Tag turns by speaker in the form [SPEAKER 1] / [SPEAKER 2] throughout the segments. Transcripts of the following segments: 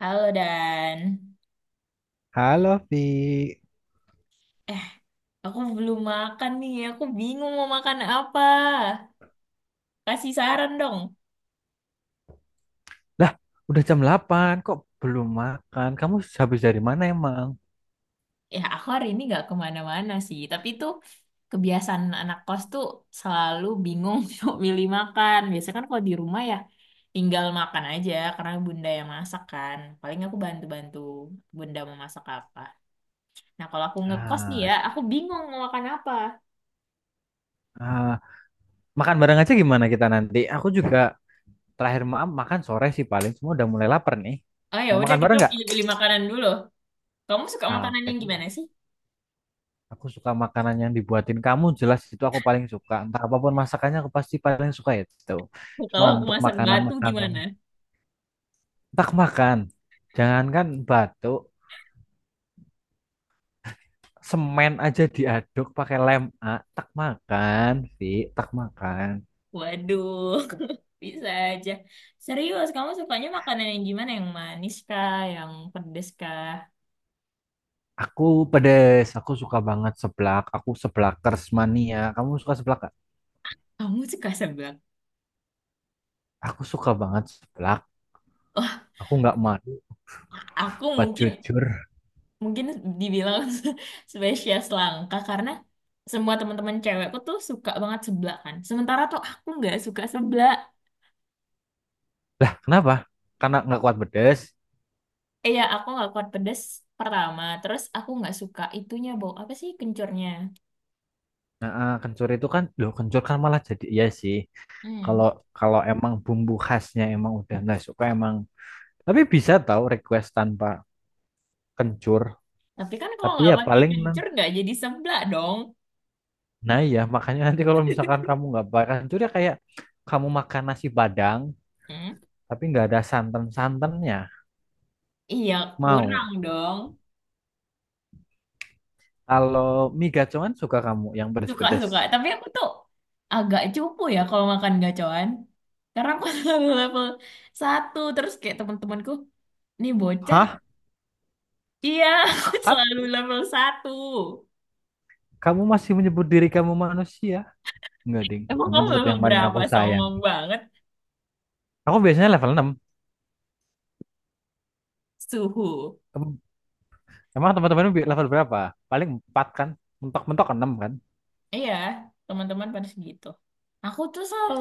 [SPEAKER 1] Halo Dan,
[SPEAKER 2] Halo, Vi.
[SPEAKER 1] eh aku belum makan nih, aku bingung mau makan apa. Kasih saran dong.
[SPEAKER 2] Lah, udah jam 8, kok belum makan? Kamu habis dari mana emang?
[SPEAKER 1] Ya aku hari ini nggak kemana-mana sih, tapi itu kebiasaan anak kos tuh selalu bingung untuk milih makan. Biasanya kan kalau di rumah ya tinggal makan aja karena bunda yang masak kan. Paling aku bantu-bantu bunda mau masak apa. Nah kalau aku ngekos nih
[SPEAKER 2] Ah,
[SPEAKER 1] ya, aku bingung mau makan apa.
[SPEAKER 2] Ah, makan bareng aja gimana kita nanti? Aku juga terakhir maaf makan sore sih paling. Semua udah mulai lapar nih.
[SPEAKER 1] Oh ya
[SPEAKER 2] Mau
[SPEAKER 1] udah
[SPEAKER 2] makan
[SPEAKER 1] kita
[SPEAKER 2] bareng nggak?
[SPEAKER 1] pilih-pilih makanan dulu. Kamu suka
[SPEAKER 2] Ah,
[SPEAKER 1] makanan
[SPEAKER 2] oke
[SPEAKER 1] yang
[SPEAKER 2] deh.
[SPEAKER 1] gimana sih?
[SPEAKER 2] Aku suka makanan yang dibuatin kamu, jelas itu aku paling suka. Entah apapun masakannya aku pasti paling suka ya itu. Cuma
[SPEAKER 1] Kalau aku
[SPEAKER 2] untuk
[SPEAKER 1] masak batu
[SPEAKER 2] makanan-makanan,
[SPEAKER 1] gimana?
[SPEAKER 2] tak makan. Jangankan batuk, semen aja diaduk pakai lem A, tak makan, Vi, tak makan.
[SPEAKER 1] Waduh, bisa aja. Serius, kamu sukanya makanan yang gimana? Yang manis kah? Yang pedes kah?
[SPEAKER 2] Aku pedes, aku suka banget seblak, aku seblakers mania. Kamu suka seblak gak?
[SPEAKER 1] Kamu suka seblak?
[SPEAKER 2] Aku suka banget seblak.
[SPEAKER 1] Wah,
[SPEAKER 2] Aku nggak malu,
[SPEAKER 1] aku
[SPEAKER 2] buat
[SPEAKER 1] mungkin
[SPEAKER 2] jujur.
[SPEAKER 1] mungkin dibilang spesies langka karena semua teman-teman cewekku tuh suka banget seblak kan. Sementara tuh aku nggak suka seblak.
[SPEAKER 2] Lah, kenapa? Karena nggak kuat pedes.
[SPEAKER 1] Eh ya, aku nggak kuat pedes pertama. Terus aku nggak suka itunya bau apa sih kencurnya?
[SPEAKER 2] Nah, eh, kencur itu kan, loh kencur kan malah jadi iya sih.
[SPEAKER 1] Hmm.
[SPEAKER 2] Kalau kalau emang bumbu khasnya emang udah nggak suka emang. Tapi bisa tahu request tanpa kencur.
[SPEAKER 1] Tapi kan kalau
[SPEAKER 2] Tapi
[SPEAKER 1] nggak
[SPEAKER 2] ya
[SPEAKER 1] pakai
[SPEAKER 2] paling.
[SPEAKER 1] kencur nggak jadi seblak dong.
[SPEAKER 2] Nah iya, makanya nanti kalau misalkan kamu nggak makan itu dia kayak kamu makan nasi Padang
[SPEAKER 1] Hmm?
[SPEAKER 2] tapi nggak ada santan-santannya.
[SPEAKER 1] Iya, kurang
[SPEAKER 2] Mau.
[SPEAKER 1] dong.
[SPEAKER 2] Kalau mie gacoan suka kamu yang pedes-pedes.
[SPEAKER 1] Suka-suka. Tapi aku tuh agak cupu ya kalau makan gacoan. Karena aku selalu level satu. Terus kayak teman-temanku, nih bocah.
[SPEAKER 2] Hah?
[SPEAKER 1] Iya, aku
[SPEAKER 2] Sat?
[SPEAKER 1] selalu level satu.
[SPEAKER 2] Kamu masih menyebut diri kamu manusia? Nggak, ding.
[SPEAKER 1] Emang
[SPEAKER 2] Kamu
[SPEAKER 1] kamu
[SPEAKER 2] tetap
[SPEAKER 1] level
[SPEAKER 2] yang paling
[SPEAKER 1] berapa?
[SPEAKER 2] aku sayang.
[SPEAKER 1] Songong banget.
[SPEAKER 2] Aku biasanya level 6.
[SPEAKER 1] Suhu.
[SPEAKER 2] Em- Emang teman-temanmu level berapa? Paling 4 kan? Mentok-mentok 6 kan?
[SPEAKER 1] Iya, teman-teman pada segitu. Aku tuh selalu,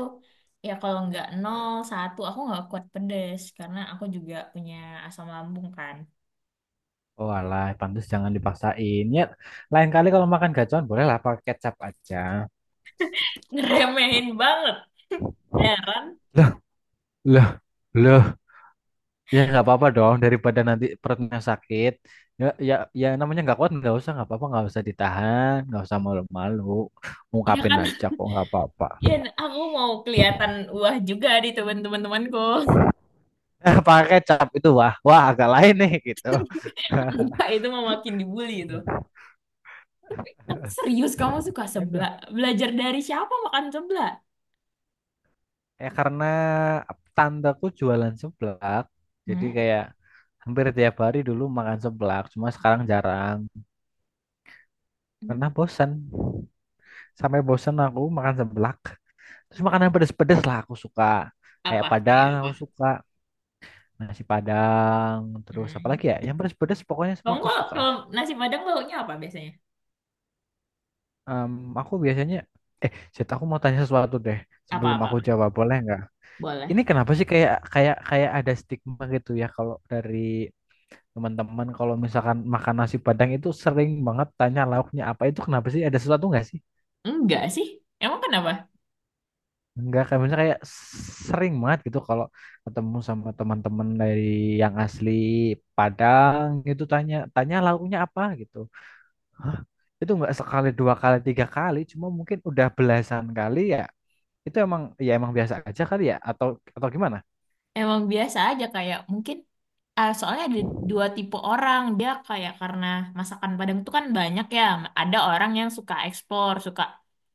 [SPEAKER 1] ya kalau nggak nol, satu, aku nggak kuat pedes. Karena aku juga punya asam lambung kan.
[SPEAKER 2] Oh alah, pantas jangan dipaksain. Ya, lain kali kalau makan gacoan bolehlah pakai kecap aja.
[SPEAKER 1] Ngeremehin banget. Heran.
[SPEAKER 2] Lah, lah, lah. Ya nggak apa-apa dong daripada nanti perutnya sakit. Ya ya ya namanya nggak kuat nggak usah nggak apa-apa nggak usah ditahan nggak usah malu-malu
[SPEAKER 1] Iya
[SPEAKER 2] ungkapin
[SPEAKER 1] kan?
[SPEAKER 2] aja kok nggak apa-apa.
[SPEAKER 1] Ya, aku mau kelihatan wah juga di teman-teman-temanku.
[SPEAKER 2] Pakai cap itu wah wah agak lain nih gitu.
[SPEAKER 1] Enggak, itu mah makin dibully itu. Tapi serius kamu suka
[SPEAKER 2] Ya
[SPEAKER 1] seblak?
[SPEAKER 2] nggak?
[SPEAKER 1] Belajar dari siapa makan seblak?
[SPEAKER 2] Ya karena tandaku jualan seblak jadi
[SPEAKER 1] Hmm?
[SPEAKER 2] kayak hampir tiap hari dulu makan seblak cuma sekarang jarang karena
[SPEAKER 1] Hmm.
[SPEAKER 2] bosan sampai bosan aku makan seblak terus makanan pedes-pedes lah aku suka kayak
[SPEAKER 1] Apa? Kayak
[SPEAKER 2] Padang
[SPEAKER 1] apa?
[SPEAKER 2] aku suka nasi Padang, terus apa lagi
[SPEAKER 1] Hmm.
[SPEAKER 2] ya? Yang pedas-pedas pokoknya semua
[SPEAKER 1] Kamu
[SPEAKER 2] aku
[SPEAKER 1] kalau,
[SPEAKER 2] suka lah.
[SPEAKER 1] kalau nasi Padang baunya apa biasanya?
[SPEAKER 2] Em, aku biasanya, eh, Zed, aku mau tanya sesuatu deh sebelum aku
[SPEAKER 1] Apa-apa?
[SPEAKER 2] jawab, boleh nggak? Ini
[SPEAKER 1] Boleh.
[SPEAKER 2] kenapa sih kayak kayak kayak ada stigma gitu ya kalau dari teman-teman kalau misalkan makan nasi Padang itu sering banget tanya lauknya apa itu kenapa sih? Ada sesuatu nggak sih?
[SPEAKER 1] Enggak sih. Emang kenapa?
[SPEAKER 2] Enggak, kayak misalnya kayak sering banget gitu kalau ketemu sama teman-teman dari yang asli Padang gitu tanya tanya lauknya apa gitu. Hah? Itu nggak sekali, dua kali, tiga kali, cuma mungkin udah belasan kali ya. Itu emang ya emang biasa aja kali ya atau gimana?
[SPEAKER 1] Emang biasa aja kayak mungkin. Ah, soalnya ada dua tipe orang. Dia kayak karena masakan Padang itu kan banyak ya. Ada orang yang suka ekspor, suka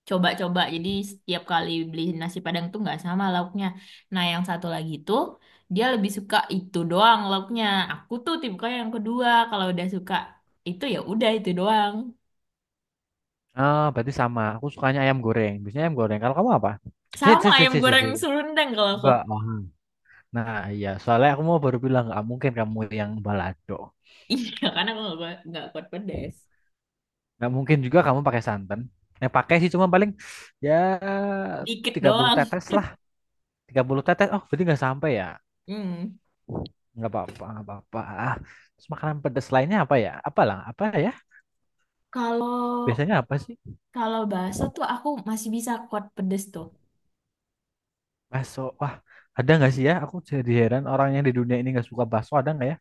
[SPEAKER 1] coba-coba. Jadi setiap kali beli nasi Padang tuh nggak sama lauknya. Nah, yang satu lagi tuh dia lebih suka itu doang lauknya. Aku tuh tipe yang kedua. Kalau udah suka itu ya udah itu doang.
[SPEAKER 2] Ah, berarti sama. Aku sukanya ayam goreng. Biasanya ayam goreng. Kalau kamu apa? Sit,
[SPEAKER 1] Sama
[SPEAKER 2] sit, sit,
[SPEAKER 1] ayam
[SPEAKER 2] sit, sit,
[SPEAKER 1] goreng
[SPEAKER 2] sit.
[SPEAKER 1] Serundeng kalau aku.
[SPEAKER 2] Enggak. Oh. Nah, iya. Soalnya aku mau baru bilang nggak mungkin kamu yang balado.
[SPEAKER 1] Iya, karena aku nggak kuat pedes.
[SPEAKER 2] Nggak mungkin juga kamu pakai santan. Yang pakai sih cuma paling ya
[SPEAKER 1] Dikit
[SPEAKER 2] 30
[SPEAKER 1] doang.
[SPEAKER 2] tetes lah. 30 tetes. Oh, berarti nggak sampai ya.
[SPEAKER 1] Hmm.
[SPEAKER 2] Nggak apa-apa, nggak apa-apa. Ah, terus makanan pedas lainnya apa ya? Apalah, apa ya?
[SPEAKER 1] Kalau
[SPEAKER 2] Biasanya apa sih?
[SPEAKER 1] Kalau bakso tuh aku masih bisa kuat pedes tuh.
[SPEAKER 2] Bakso. Wah, ada nggak sih ya? Aku jadi heran orang yang di dunia ini nggak suka bakso ada nggak ya?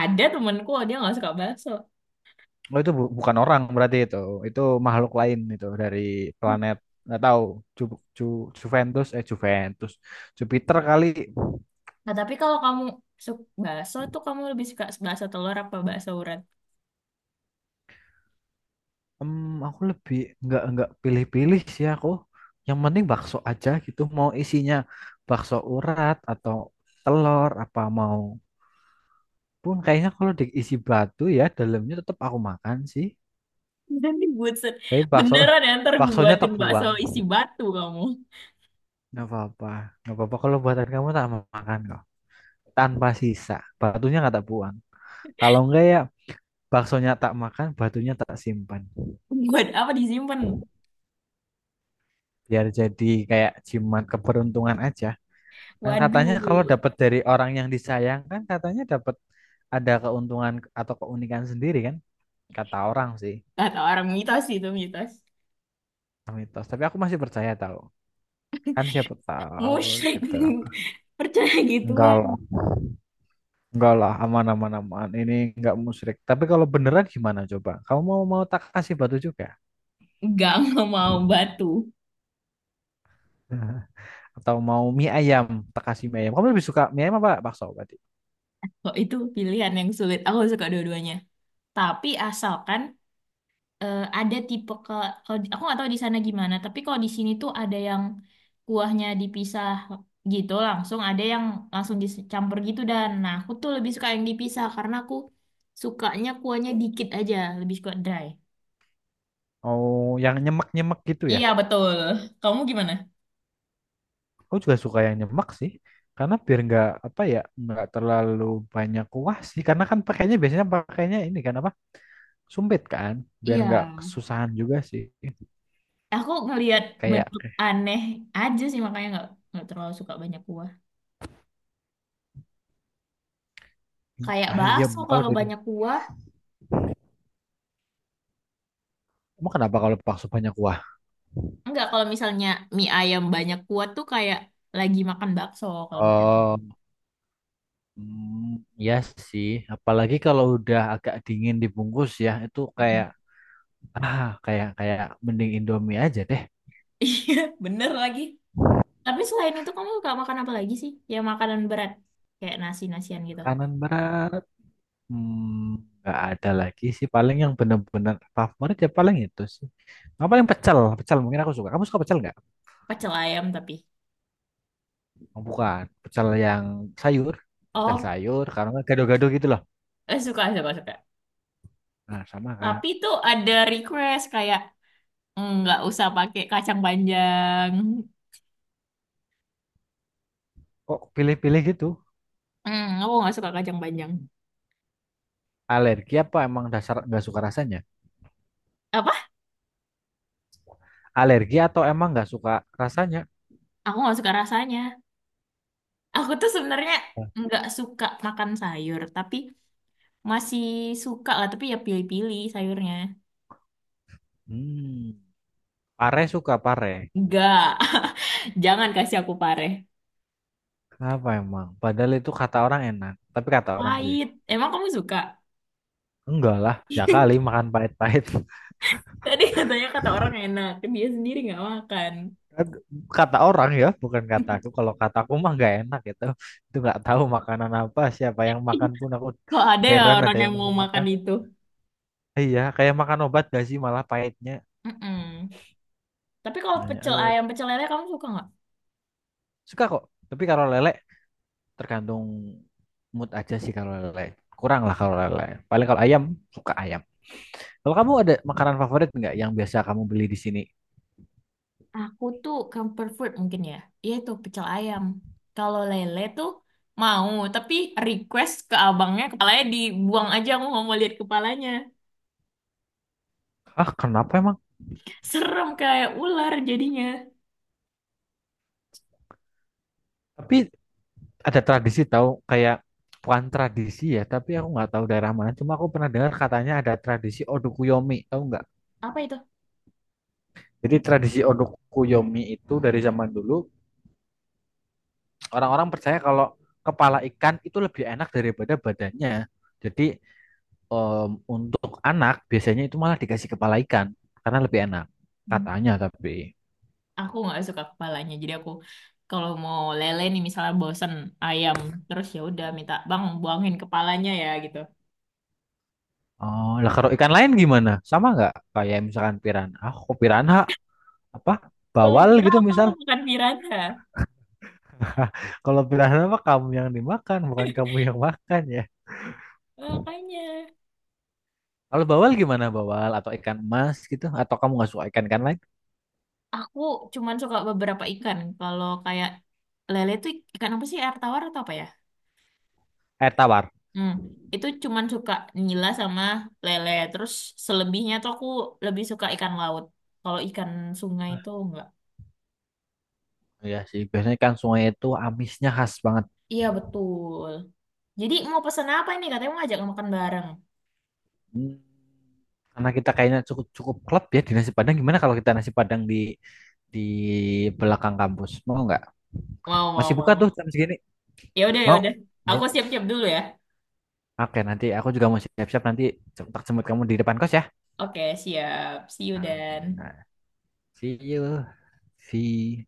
[SPEAKER 1] Ada temenku dia nggak suka bakso.
[SPEAKER 2] Oh itu bukan orang berarti itu. Itu makhluk lain itu dari planet nggak tahu Ju Ju- Juventus eh Juventus Jupiter kali.
[SPEAKER 1] Nah tapi kalau kamu suka bakso tuh kamu lebih suka bakso telur apa bakso urat?
[SPEAKER 2] Hmm, aku lebih nggak pilih-pilih sih aku. Yang penting bakso aja gitu. Mau isinya bakso urat atau telur apa mau pun kayaknya kalau diisi batu ya dalamnya tetap aku makan sih.
[SPEAKER 1] Dan dibuat
[SPEAKER 2] Tapi bakso
[SPEAKER 1] beneran ya ntar gue
[SPEAKER 2] baksonya
[SPEAKER 1] buatin bakso
[SPEAKER 2] terbuang.
[SPEAKER 1] isi batu kamu.
[SPEAKER 2] Nggak apa-apa. Nggak apa-apa kalau buatan kamu tak makan kok. Tanpa sisa. Batunya nggak tak buang. Kalau enggak ya baksonya tak makan, batunya tak simpan.
[SPEAKER 1] Buat apa disimpan?
[SPEAKER 2] Biar jadi kayak jimat keberuntungan aja. Kan katanya kalau
[SPEAKER 1] Waduh,
[SPEAKER 2] dapat dari orang yang disayang kan katanya dapat ada keuntungan atau keunikan sendiri kan. Kata orang sih.
[SPEAKER 1] kata orang mitos itu mitos.
[SPEAKER 2] Mitos. Tapi aku masih percaya tahu. Kan siapa tahu gitu.
[SPEAKER 1] Musyrik percaya
[SPEAKER 2] Enggak lah.
[SPEAKER 1] gituan.
[SPEAKER 2] Enggak lah. Aman, aman, aman. Ini enggak musyrik. Tapi kalau beneran gimana coba? Kamu mau mau tak kasih batu juga?
[SPEAKER 1] Enggak, nggak mau batu.
[SPEAKER 2] Atau mau mie ayam, tak kasih mie ayam. Kamu lebih suka mie ayam apa bakso berarti?
[SPEAKER 1] Kok itu pilihan yang sulit. Aku suka dua-duanya. Tapi asalkan ada tipe ke, kalau aku nggak tahu di sana gimana tapi kalau di sini tuh ada yang kuahnya dipisah gitu langsung ada yang langsung dicampur gitu dan nah aku tuh lebih suka yang dipisah karena aku sukanya kuahnya dikit aja lebih suka dry.
[SPEAKER 2] Oh yang nyemek-nyemek gitu ya?
[SPEAKER 1] Iya, betul. Kamu gimana?
[SPEAKER 2] Aku juga suka yang nyemek sih. Karena biar nggak apa ya, nggak terlalu banyak kuah sih. Karena kan pakainya biasanya pakainya ini kan apa? Sumpit kan. Biar nggak
[SPEAKER 1] Iya
[SPEAKER 2] kesusahan juga sih.
[SPEAKER 1] aku ngelihat
[SPEAKER 2] Kayak
[SPEAKER 1] bentuk
[SPEAKER 2] eh,
[SPEAKER 1] aneh aja sih makanya nggak terlalu suka banyak kuah
[SPEAKER 2] mie
[SPEAKER 1] kayak
[SPEAKER 2] ayam.
[SPEAKER 1] bakso
[SPEAKER 2] Kalau
[SPEAKER 1] kalau
[SPEAKER 2] dari
[SPEAKER 1] banyak kuah.
[SPEAKER 2] kamu kenapa kalau bakso banyak kuah?
[SPEAKER 1] Enggak, kalau misalnya mie ayam banyak kuah tuh kayak lagi makan bakso kalau menurut
[SPEAKER 2] Oh, mm, ya sih. Apalagi kalau udah agak dingin dibungkus ya, itu
[SPEAKER 1] aku.
[SPEAKER 2] kayak ah kayak kayak mending Indomie aja deh.
[SPEAKER 1] Iya, bener lagi. Tapi selain itu kamu suka makan apa lagi sih? Yang makanan berat. Kayak nasi-nasian gitu.
[SPEAKER 2] Makanan berat, hmm, nggak ada lagi sih. Paling yang benar-benar favorit ya paling itu sih. Nggak paling pecel, pecel mungkin aku suka. Kamu suka pecel nggak?
[SPEAKER 1] Pecel ayam tapi.
[SPEAKER 2] Oh, bukan, pecel yang sayur, pecel
[SPEAKER 1] Oh,
[SPEAKER 2] sayur. Karena nggak gado-gado gitu loh.
[SPEAKER 1] suka, suka, suka.
[SPEAKER 2] Nah sama kan.
[SPEAKER 1] Tapi itu ada request kayak "Mm, nggak usah pakai kacang panjang."
[SPEAKER 2] Kok pilih-pilih gitu?
[SPEAKER 1] Hmm, aku nggak suka kacang panjang.
[SPEAKER 2] Alergi apa emang dasar nggak suka rasanya?
[SPEAKER 1] Apa?
[SPEAKER 2] Alergi atau emang nggak suka rasanya?
[SPEAKER 1] Aku nggak suka rasanya. Aku tuh sebenarnya
[SPEAKER 2] Nah,
[SPEAKER 1] nggak suka makan sayur, tapi masih suka lah. Tapi ya pilih-pilih sayurnya.
[SPEAKER 2] hmm, pare suka pare.
[SPEAKER 1] Nggak. Jangan kasih aku pare.
[SPEAKER 2] Kenapa emang? Padahal itu kata orang enak, tapi kata orang sih
[SPEAKER 1] Pahit. Emang kamu suka?
[SPEAKER 2] enggak lah. Ya kali makan pahit-pahit.
[SPEAKER 1] Tadi katanya kata orang enak, dia sendiri nggak makan.
[SPEAKER 2] Kan kata orang ya, bukan kata aku. Kalau kata aku mah nggak enak gitu. Itu nggak tahu makanan apa, siapa yang makan pun aku
[SPEAKER 1] Kok ada ya
[SPEAKER 2] heran
[SPEAKER 1] orang
[SPEAKER 2] ada
[SPEAKER 1] yang
[SPEAKER 2] yang
[SPEAKER 1] mau
[SPEAKER 2] masih
[SPEAKER 1] makan
[SPEAKER 2] makan.
[SPEAKER 1] itu?
[SPEAKER 2] Iya, kayak makan obat gak sih malah pahitnya.
[SPEAKER 1] Mm-mm. Tapi kalau
[SPEAKER 2] Nanya,
[SPEAKER 1] pecel
[SPEAKER 2] "Eh,
[SPEAKER 1] ayam, pecel lele kamu suka nggak?
[SPEAKER 2] suka kok. Tapi kalau lele tergantung mood aja sih kalau lele. Kurang lah kalau lele. Paling kalau ayam suka ayam. Kalau kamu ada makanan favorit nggak yang biasa kamu beli di sini?
[SPEAKER 1] Aku tuh comfort food mungkin ya. Iya tuh pecel ayam. Kalau lele tuh mau, tapi request ke abangnya kepalanya dibuang aja. Aku nggak mau lihat kepalanya.
[SPEAKER 2] Ah, kenapa emang?
[SPEAKER 1] Serem kayak ular jadinya.
[SPEAKER 2] Tapi ada tradisi tahu kayak bukan tradisi ya tapi aku nggak tahu daerah mana cuma aku pernah dengar katanya ada tradisi odukuyomi tahu nggak
[SPEAKER 1] Apa itu?
[SPEAKER 2] jadi tradisi odukuyomi itu dari zaman dulu orang-orang percaya kalau kepala ikan itu lebih enak daripada badannya jadi untuk anak biasanya itu malah dikasih kepala ikan karena lebih enak katanya tapi
[SPEAKER 1] Aku nggak suka kepalanya jadi aku kalau mau lele nih misalnya bosen ayam terus ya udah minta bang buangin kepalanya ya gitu.
[SPEAKER 2] oh lah kalau ikan lain gimana sama nggak kayak misalkan piranha ah kok piranha apa
[SPEAKER 1] Kamu
[SPEAKER 2] bawal
[SPEAKER 1] kira
[SPEAKER 2] gitu
[SPEAKER 1] aku
[SPEAKER 2] misal.
[SPEAKER 1] mau makan piranha.
[SPEAKER 2] Kalau piranha mah kamu yang dimakan, bukan kamu yang makan ya.
[SPEAKER 1] Makanya
[SPEAKER 2] Kalau bawal gimana bawal atau ikan emas gitu? Atau kamu nggak suka ikan ikan lain?
[SPEAKER 1] aku cuman suka beberapa ikan kalau kayak lele tuh ikan apa sih, air tawar atau apa ya?
[SPEAKER 2] Air tawar.
[SPEAKER 1] Hmm, itu cuman suka nila sama lele terus selebihnya tuh aku lebih suka ikan laut, kalau ikan sungai itu enggak.
[SPEAKER 2] Ya sih, biasanya ikan sungai itu amisnya khas banget.
[SPEAKER 1] Iya betul, jadi mau pesan apa ini katanya mau ngajak makan bareng?
[SPEAKER 2] Hmm, karena kita kayaknya cukup cukup klop ya di nasi Padang. Gimana kalau kita nasi Padang di belakang kampus? Mau nggak?
[SPEAKER 1] Mau,
[SPEAKER 2] Masih
[SPEAKER 1] mau,
[SPEAKER 2] buka
[SPEAKER 1] mau,
[SPEAKER 2] tuh
[SPEAKER 1] mau.
[SPEAKER 2] jam segini?
[SPEAKER 1] Ya udah, ya
[SPEAKER 2] Mau?
[SPEAKER 1] udah.
[SPEAKER 2] Ayo.
[SPEAKER 1] Aku siap-siap dulu ya.
[SPEAKER 2] Oke, nanti aku juga mau siap-siap nanti jemput jemput kamu di depan kos ya.
[SPEAKER 1] Oke, siap. See you Dan.
[SPEAKER 2] Nah, see you. See.